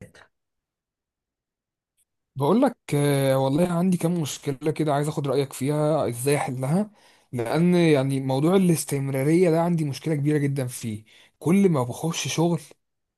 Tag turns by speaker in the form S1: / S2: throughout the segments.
S1: ثلاثة.
S2: بقول لك آه، والله عندي كام مشكلة كده، عايز اخد رأيك فيها ازاي احلها. لان موضوع الاستمرارية ده عندي مشكلة كبيرة جدا فيه. كل ما بخش شغل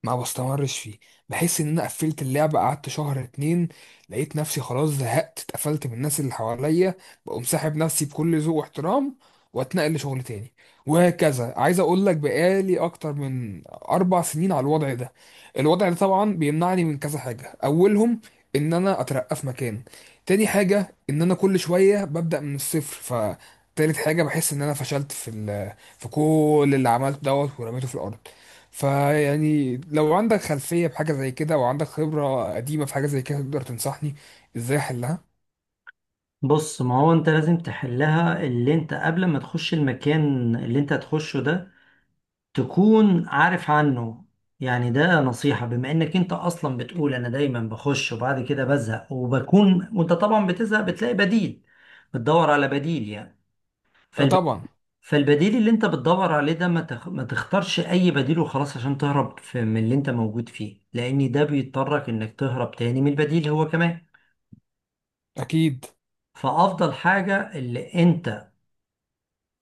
S2: ما بستمرش فيه. بحس ان انا قفلت اللعبة، قعدت شهر اتنين لقيت نفسي خلاص زهقت، اتقفلت من الناس اللي حواليا. بقوم ساحب نفسي بكل ذوق واحترام، واتنقل لشغل تاني، وهكذا. عايز اقول لك بقالي اكتر من 4 سنين على الوضع ده. الوضع ده طبعا بيمنعني من كذا حاجة: اولهم ان انا اترقى في مكان. تاني حاجه، ان انا كل شويه ببدا من الصفر. ف تالت حاجه، بحس ان انا فشلت في في كل اللي عملته دوت ورميته في الارض. فيعني لو عندك خلفيه بحاجه زي كده، وعندك خبره قديمه في حاجه زي كده، تقدر تنصحني ازاي احلها.
S1: بص، ما هو انت لازم تحلها. اللي انت قبل ما تخش المكان اللي انت هتخشه ده تكون عارف عنه. يعني ده نصيحة بما انك انت اصلا بتقول انا دايما بخش وبعد كده بزهق، وبكون وانت طبعا بتزهق بتلاقي بديل، بتدور على بديل يعني.
S2: اه طبعا.
S1: فالبديل اللي انت بتدور عليه ده ما تختارش اي بديل وخلاص عشان تهرب من اللي انت موجود فيه، لان ده بيضطرك انك تهرب تاني من البديل هو كمان.
S2: اكيد.
S1: فافضل حاجة، اللي انت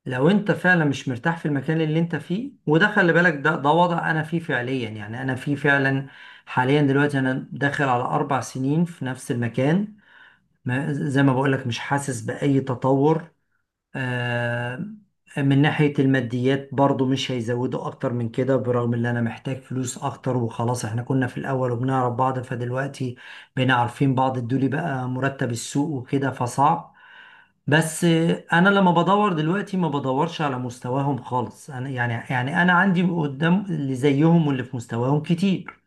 S1: لو انت فعلا مش مرتاح في المكان اللي انت فيه، وده خلي بالك، ده وضع انا فيه فعليا يعني انا فيه فعلا حاليا دلوقتي. انا داخل على 4 سنين في نفس المكان، ما... زي ما بقولك مش حاسس باي تطور. آه، من ناحية الماديات برضو مش هيزودوا أكتر من كده، برغم إن أنا محتاج فلوس أكتر. وخلاص إحنا كنا في الأول وبنعرف بعض، فدلوقتي بقينا عارفين بعض الدولي، بقى مرتب السوق وكده فصعب. بس أنا لما بدور دلوقتي ما بدورش على مستواهم خالص. أنا يعني يعني أنا عندي قدام اللي زيهم واللي في مستواهم كتير،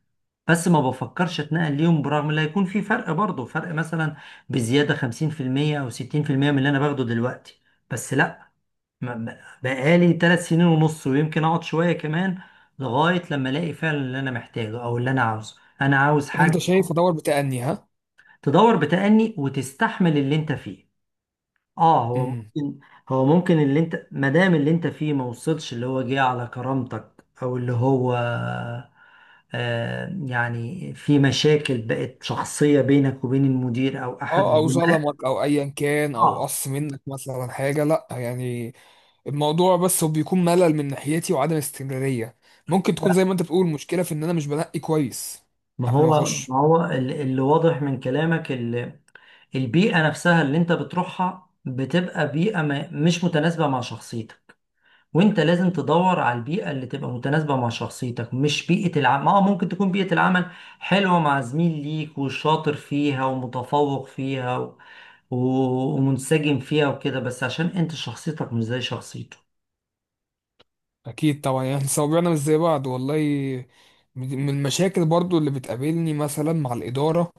S1: بس ما بفكرش اتنقل ليهم، برغم ان هيكون في فرق برضه، فرق مثلا بزيادة 50% أو 60% من اللي أنا باخده دلوقتي. بس لا، بقالي 3 سنين ونص، ويمكن اقعد شوية كمان لغاية لما الاقي فعلا اللي انا محتاجه او اللي انا عاوزه. انا عاوز حاجة
S2: انت شايف ادور بتأني، ها.
S1: تدور بتأني، وتستحمل اللي انت فيه. اه، هو
S2: امم.
S1: ممكن هو ممكن اللي انت، ما دام اللي انت فيه ما وصلش اللي هو جه على كرامتك، او اللي هو آه، يعني في مشاكل بقت شخصية بينك وبين المدير او احد
S2: اه، او
S1: الزملاء.
S2: ظلمك، او ايا كان، او
S1: اه،
S2: قص منك مثلا حاجه، لا يعني. الموضوع بس هو بيكون ملل من ناحيتي وعدم استمرارية. ممكن تكون
S1: لا،
S2: زي ما انت بتقول، مشكلة في ان انا مش بنقي كويس
S1: ما
S2: قبل
S1: هو
S2: ما اخش.
S1: ما هو اللي واضح من كلامك، البيئة نفسها اللي انت بتروحها بتبقى بيئة مش متناسبة مع شخصيتك، وانت لازم تدور على البيئة اللي تبقى متناسبة مع شخصيتك. مش بيئة العمل، اه، ممكن تكون بيئة العمل حلوة، مع زميل ليك وشاطر فيها ومتفوق فيها ومنسجم فيها وكده، بس عشان انت شخصيتك مش زي شخصيته.
S2: اكيد طبعا، يعني صوابعنا مش زي بعض. والله من المشاكل برضو اللي بتقابلني مثلا مع الاداره،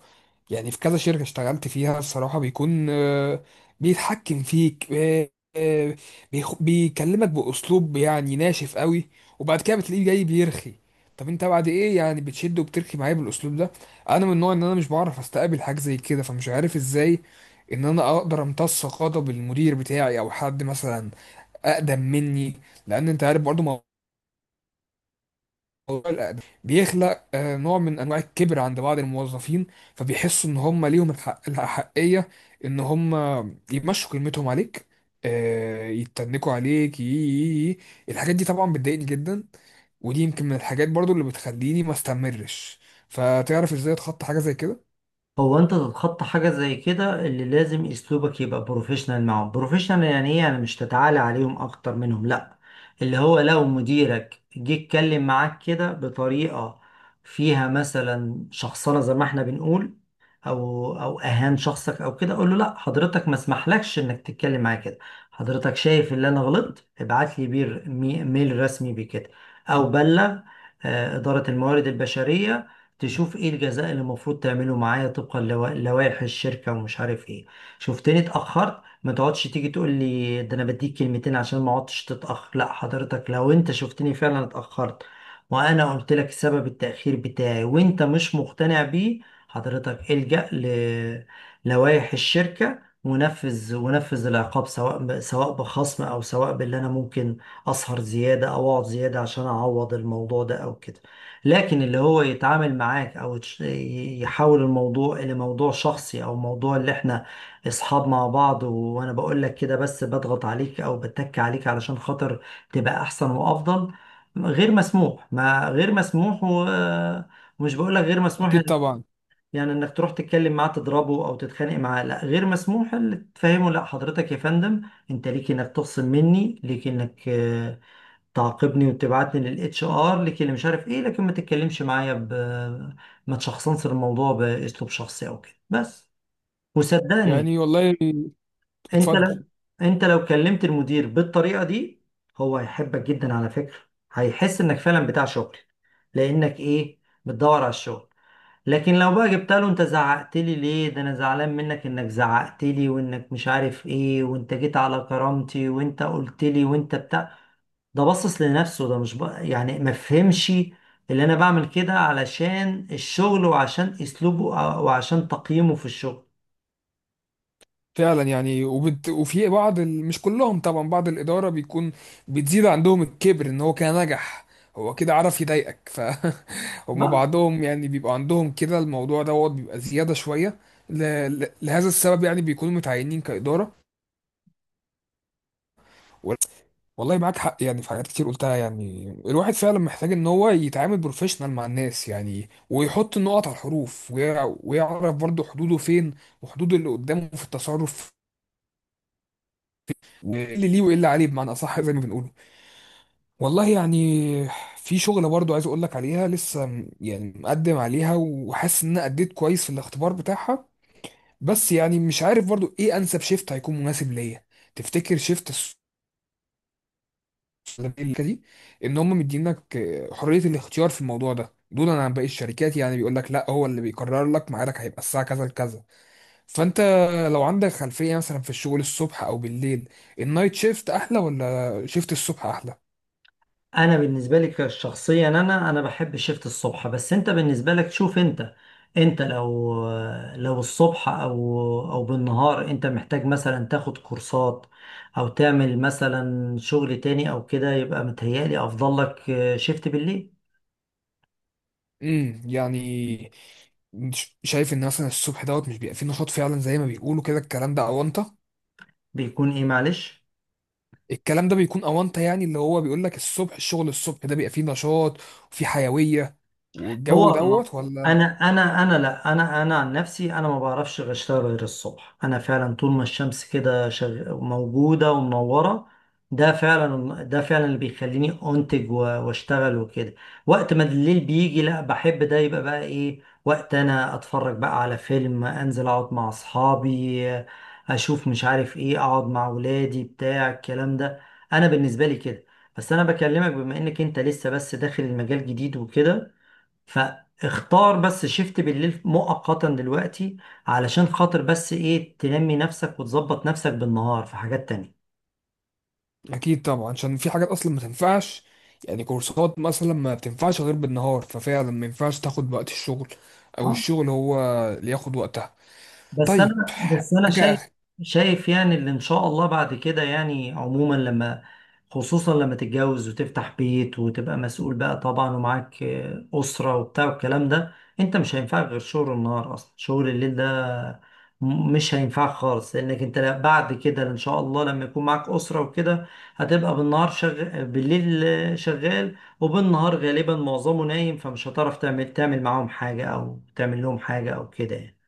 S2: يعني في كذا شركه اشتغلت فيها، الصراحه بيكون بيتحكم فيك، آه، بيكلمك باسلوب يعني ناشف قوي، وبعد كده بتلاقيه جاي بيرخي. طب انت بعد ايه؟ يعني بتشد وبترخي معايا بالاسلوب ده. انا من النوع ان انا مش بعرف استقبل حاجه زي كده، فمش عارف ازاي ان انا اقدر امتص غضب المدير بتاعي او حد مثلا اقدم مني. لان انت عارف برضو، موضوع الأداء بيخلق نوع من انواع الكبر عند بعض الموظفين، فبيحسوا ان هم ليهم الحق، الأحقية ان هم يمشوا كلمتهم عليك، يتنكوا عليك، يي- يي- يي. الحاجات دي طبعا بتضايقني جدا، ودي يمكن من الحاجات برضو اللي بتخليني ما استمرش. فتعرف ازاي اتخطى حاجة زي كده؟
S1: هو انت تتخطى حاجة زي كده، اللي لازم اسلوبك يبقى بروفيشنال معاهم. بروفيشنال يعني ايه؟ يعني مش تتعالى عليهم اكتر منهم، لا. اللي هو لو مديرك جه اتكلم معاك كده، بطريقة فيها مثلا شخصنة زي ما احنا بنقول، او او اهان شخصك او كده، اقول له: لا حضرتك، ما اسمحلكش انك تتكلم معايا كده. حضرتك شايف ان انا غلطت، ابعت لي بير ميل رسمي بكده، او بلغ إدارة الموارد البشرية، تشوف ايه الجزاء اللي المفروض تعمله معايا طبقا لوائح الشركة ومش عارف ايه. شفتني اتأخرت، ما تقعدش تيجي تقول لي ده انا بديك كلمتين عشان ما اقعدش تتأخر. لا حضرتك، لو انت شفتني فعلا اتأخرت، وانا قلت لك سبب التأخير بتاعي وانت مش مقتنع بيه، حضرتك الجأ للوائح الشركة ونفذ، ونفذ العقاب، سواء سواء بخصم، او سواء باللي انا ممكن اسهر زيادة او اقعد زيادة عشان اعوض الموضوع ده او كده. لكن اللي هو يتعامل معاك، او يحول الموضوع الى موضوع شخصي، او موضوع اللي احنا اصحاب مع بعض، وانا بقول لك كده بس بضغط عليك او بتك عليك علشان خاطر تبقى احسن وافضل، غير مسموح، ما غير مسموح. ومش بقول لك غير مسموح
S2: اكيد
S1: يعني،
S2: طبعا.
S1: يعني انك تروح تتكلم معاه تضربه او تتخانق معاه، لا غير مسموح. اللي تفهمه، لا حضرتك يا فندم، انت ليك انك تخصم مني، ليك انك تعاقبني وتبعتني للاتش ار، ليك اللي مش عارف ايه، لكن ما تتكلمش معايا ب، ما تشخصنش الموضوع باسلوب شخصي او كده، بس. وصدقني،
S2: يعني والله،
S1: انت
S2: اتفضل.
S1: لو انت لو كلمت المدير بالطريقة دي، هو هيحبك جدا على فكرة. هيحس انك فعلا بتاع شغل، لانك ايه، بتدور على الشغل. لكن لو بقى جبت له: انت زعقت لي ليه، ده انا زعلان منك انك زعقت لي، وانك مش عارف ايه، وانت جيت على كرامتي، وانت قلت لي، وانت بتاع، ده بصص لنفسه، ده مش بقى يعني ما فهمش اللي انا بعمل كده علشان الشغل، وعشان اسلوبه وعشان تقييمه في الشغل.
S2: فعلا يعني، وبت... وفي بعض ال... مش كلهم طبعا، بعض الإدارة بيكون بتزيد عندهم الكبر إن هو كان نجح، هو كده عرف يضايقك. ف هما بعضهم يعني بيبقى عندهم كده، الموضوع دوت بيبقى زيادة شوية ل... لهذا السبب يعني، بيكونوا متعينين كإدارة. وال- والله معاك حق، يعني في حاجات كتير قلتها. يعني الواحد فعلا محتاج ان هو يتعامل بروفيشنال مع الناس، يعني، ويحط النقط على الحروف، ويعرف برضه حدوده فين، وحدود اللي قدامه في التصرف، ايه اللي ليه وايه اللي عليه، بمعنى اصح زي ما بنقوله. والله يعني في شغله برضو عايز اقول لك عليها، لسه يعني مقدم عليها، وحاسس ان انا اديت كويس في الاختبار بتاعها. بس يعني مش عارف برضو ايه انسب شيفت هيكون مناسب ليا. تفتكر شيفت الشركه دي ان هم مدينك حريه الاختيار في الموضوع ده دولا عن باقي الشركات، يعني بيقول لك لا، هو اللي بيقرر لك ميعادك، هيبقى الساعه كذا لكذا. فانت لو عندك خلفيه مثلا في الشغل الصبح او بالليل، النايت شيفت احلى ولا شيفت الصبح احلى؟
S1: انا بالنسبه لي كشخصيا، انا بحب شيفت الصبح. بس انت بالنسبه لك، شوف انت، انت لو، لو الصبح او او بالنهار انت محتاج مثلا تاخد كورسات، او تعمل مثلا شغل تاني او كده، يبقى متهيألي افضل لك شيفت بالليل.
S2: امم. يعني شايف ان مثلا الصبح دوت مش بيبقى فيه نشاط فعلا زي ما بيقولوا؟ كده الكلام ده اونطه،
S1: بيكون ايه معلش،
S2: الكلام ده بيكون اونطه، يعني اللي هو بيقول لك الصبح، الشغل الصبح ده بيبقى فيه نشاط وفيه حيويه والجو
S1: هو
S2: دوت، ولا؟
S1: انا انا لا، انا عن نفسي، انا ما بعرفش غير اشتغل غير الصبح. انا فعلا طول ما الشمس كده موجوده ومنوره، ده فعلا اللي بيخليني انتج واشتغل وكده. وقت ما الليل بيجي، لا بحب ده يبقى بقى ايه، وقت انا اتفرج بقى على فيلم، انزل اقعد مع اصحابي، اشوف مش عارف ايه، اقعد مع ولادي، بتاع الكلام ده. انا بالنسبه لي كده. بس انا بكلمك بما انك انت لسه بس داخل المجال جديد وكده، فاختار بس شيفت بالليل مؤقتا دلوقتي، علشان خاطر بس ايه، تنمي نفسك وتظبط نفسك بالنهار في حاجات تانية.
S2: اكيد طبعا، عشان في حاجات اصلا ما تنفعش. يعني كورسات مثلا ما بتنفعش غير بالنهار، ففعلا ما ينفعش تاخد وقت الشغل او الشغل هو اللي ياخد وقتها.
S1: بس
S2: طيب
S1: انا بس انا شايف
S2: حاجه.
S1: شايف يعني اللي ان شاء الله بعد كده، يعني عموما لما، خصوصا لما تتجوز وتفتح بيت وتبقى مسؤول بقى طبعا ومعاك اسره وبتاع والكلام ده، انت مش هينفعك غير شغل النهار، اصلا شغل الليل ده مش هينفعك خالص، لانك انت بعد كده ان شاء الله لما يكون معاك اسره وكده، هتبقى بالنهار شغال، بالليل شغال، وبالنهار غالبا معظمه نايم، فمش هتعرف تعمل معاهم حاجه، او تعمل لهم حاجه او كده يعني.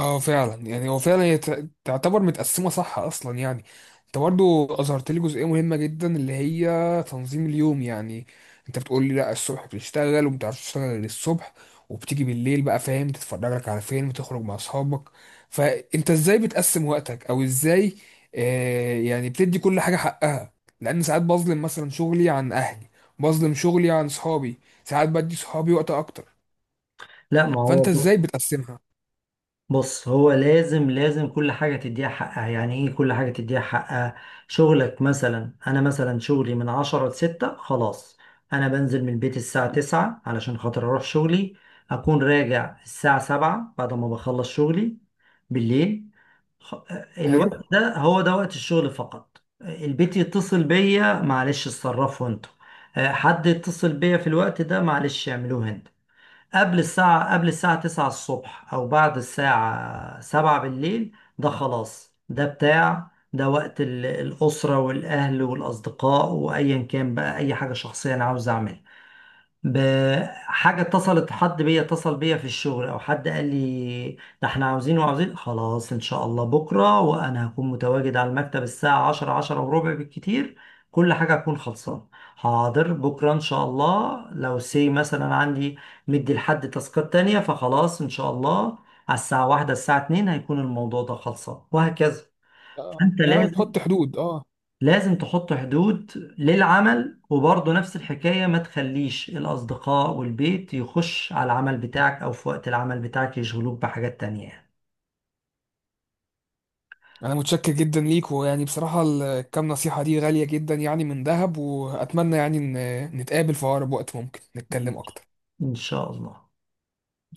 S2: اه فعلا، يعني هو فعلا هي تعتبر متقسمه صح اصلا يعني. انت برضو اظهرت لي جزئيه مهمه جدا اللي هي تنظيم اليوم. يعني انت بتقول لي لا، الصبح بتشتغل وما بتعرفش تشتغل غير الصبح، وبتيجي بالليل بقى فاهم، تتفرج لك على فيلم، تخرج مع اصحابك. فانت ازاي بتقسم وقتك، او ازاي آه يعني بتدي كل حاجه حقها؟ لان ساعات بظلم مثلا شغلي عن اهلي، بظلم شغلي عن صحابي، ساعات بدي صحابي وقت اكتر.
S1: لا، ما
S2: فانت
S1: هو،
S2: ازاي بتقسمها؟
S1: بص، هو لازم كل حاجة تديها حقها. يعني ايه كل حاجة تديها حقها؟ شغلك مثلا، انا مثلا شغلي من عشرة لستة، خلاص. انا بنزل من البيت الساعة 9 علشان خاطر اروح شغلي، اكون راجع الساعة 7 بعد ما بخلص شغلي بالليل. خ-
S2: حلو.
S1: الوقت ده هو ده وقت الشغل فقط. البيت يتصل بيا معلش، اتصرفوا انتوا. حد يتصل بيا في الوقت ده معلش، اعملوه انت. قبل الساعة 9 الصبح، أو بعد الساعة 7 بالليل، ده خلاص، ده بتاع، ده وقت الأسرة والأهل والأصدقاء، وأيا كان بقى أي حاجة شخصية أنا عاوز أعملها. بحاجة اتصلت، حد بيا اتصل بيا في الشغل او حد قال لي: ده احنا عاوزين وعاوزين، خلاص ان شاء الله بكرة، وانا هكون متواجد على المكتب الساعة 10، 10 وربع بالكتير، كل حاجة هكون خلصان. حاضر، بكرة ان شاء الله لو سي مثلا عندي مدي لحد تاسكات تانية، فخلاص ان شاء الله على الساعة 1، الساعة 2 هيكون الموضوع ده خلصان، وهكذا.
S2: آه،
S1: انت
S2: يعني تحط
S1: لازم
S2: حدود، اه.
S1: لازم تحط حدود للعمل، وبرضه نفس الحكاية، ما تخليش الأصدقاء والبيت يخش على العمل بتاعك، أو في وقت العمل بتاعك يشغلوك بحاجات تانية يعني.
S2: انا متشكر جدا ليك، ويعني بصراحة الكام نصيحة دي غالية جدا، يعني من ذهب. واتمنى يعني ان نتقابل في اقرب وقت ممكن نتكلم اكتر.
S1: إن شاء الله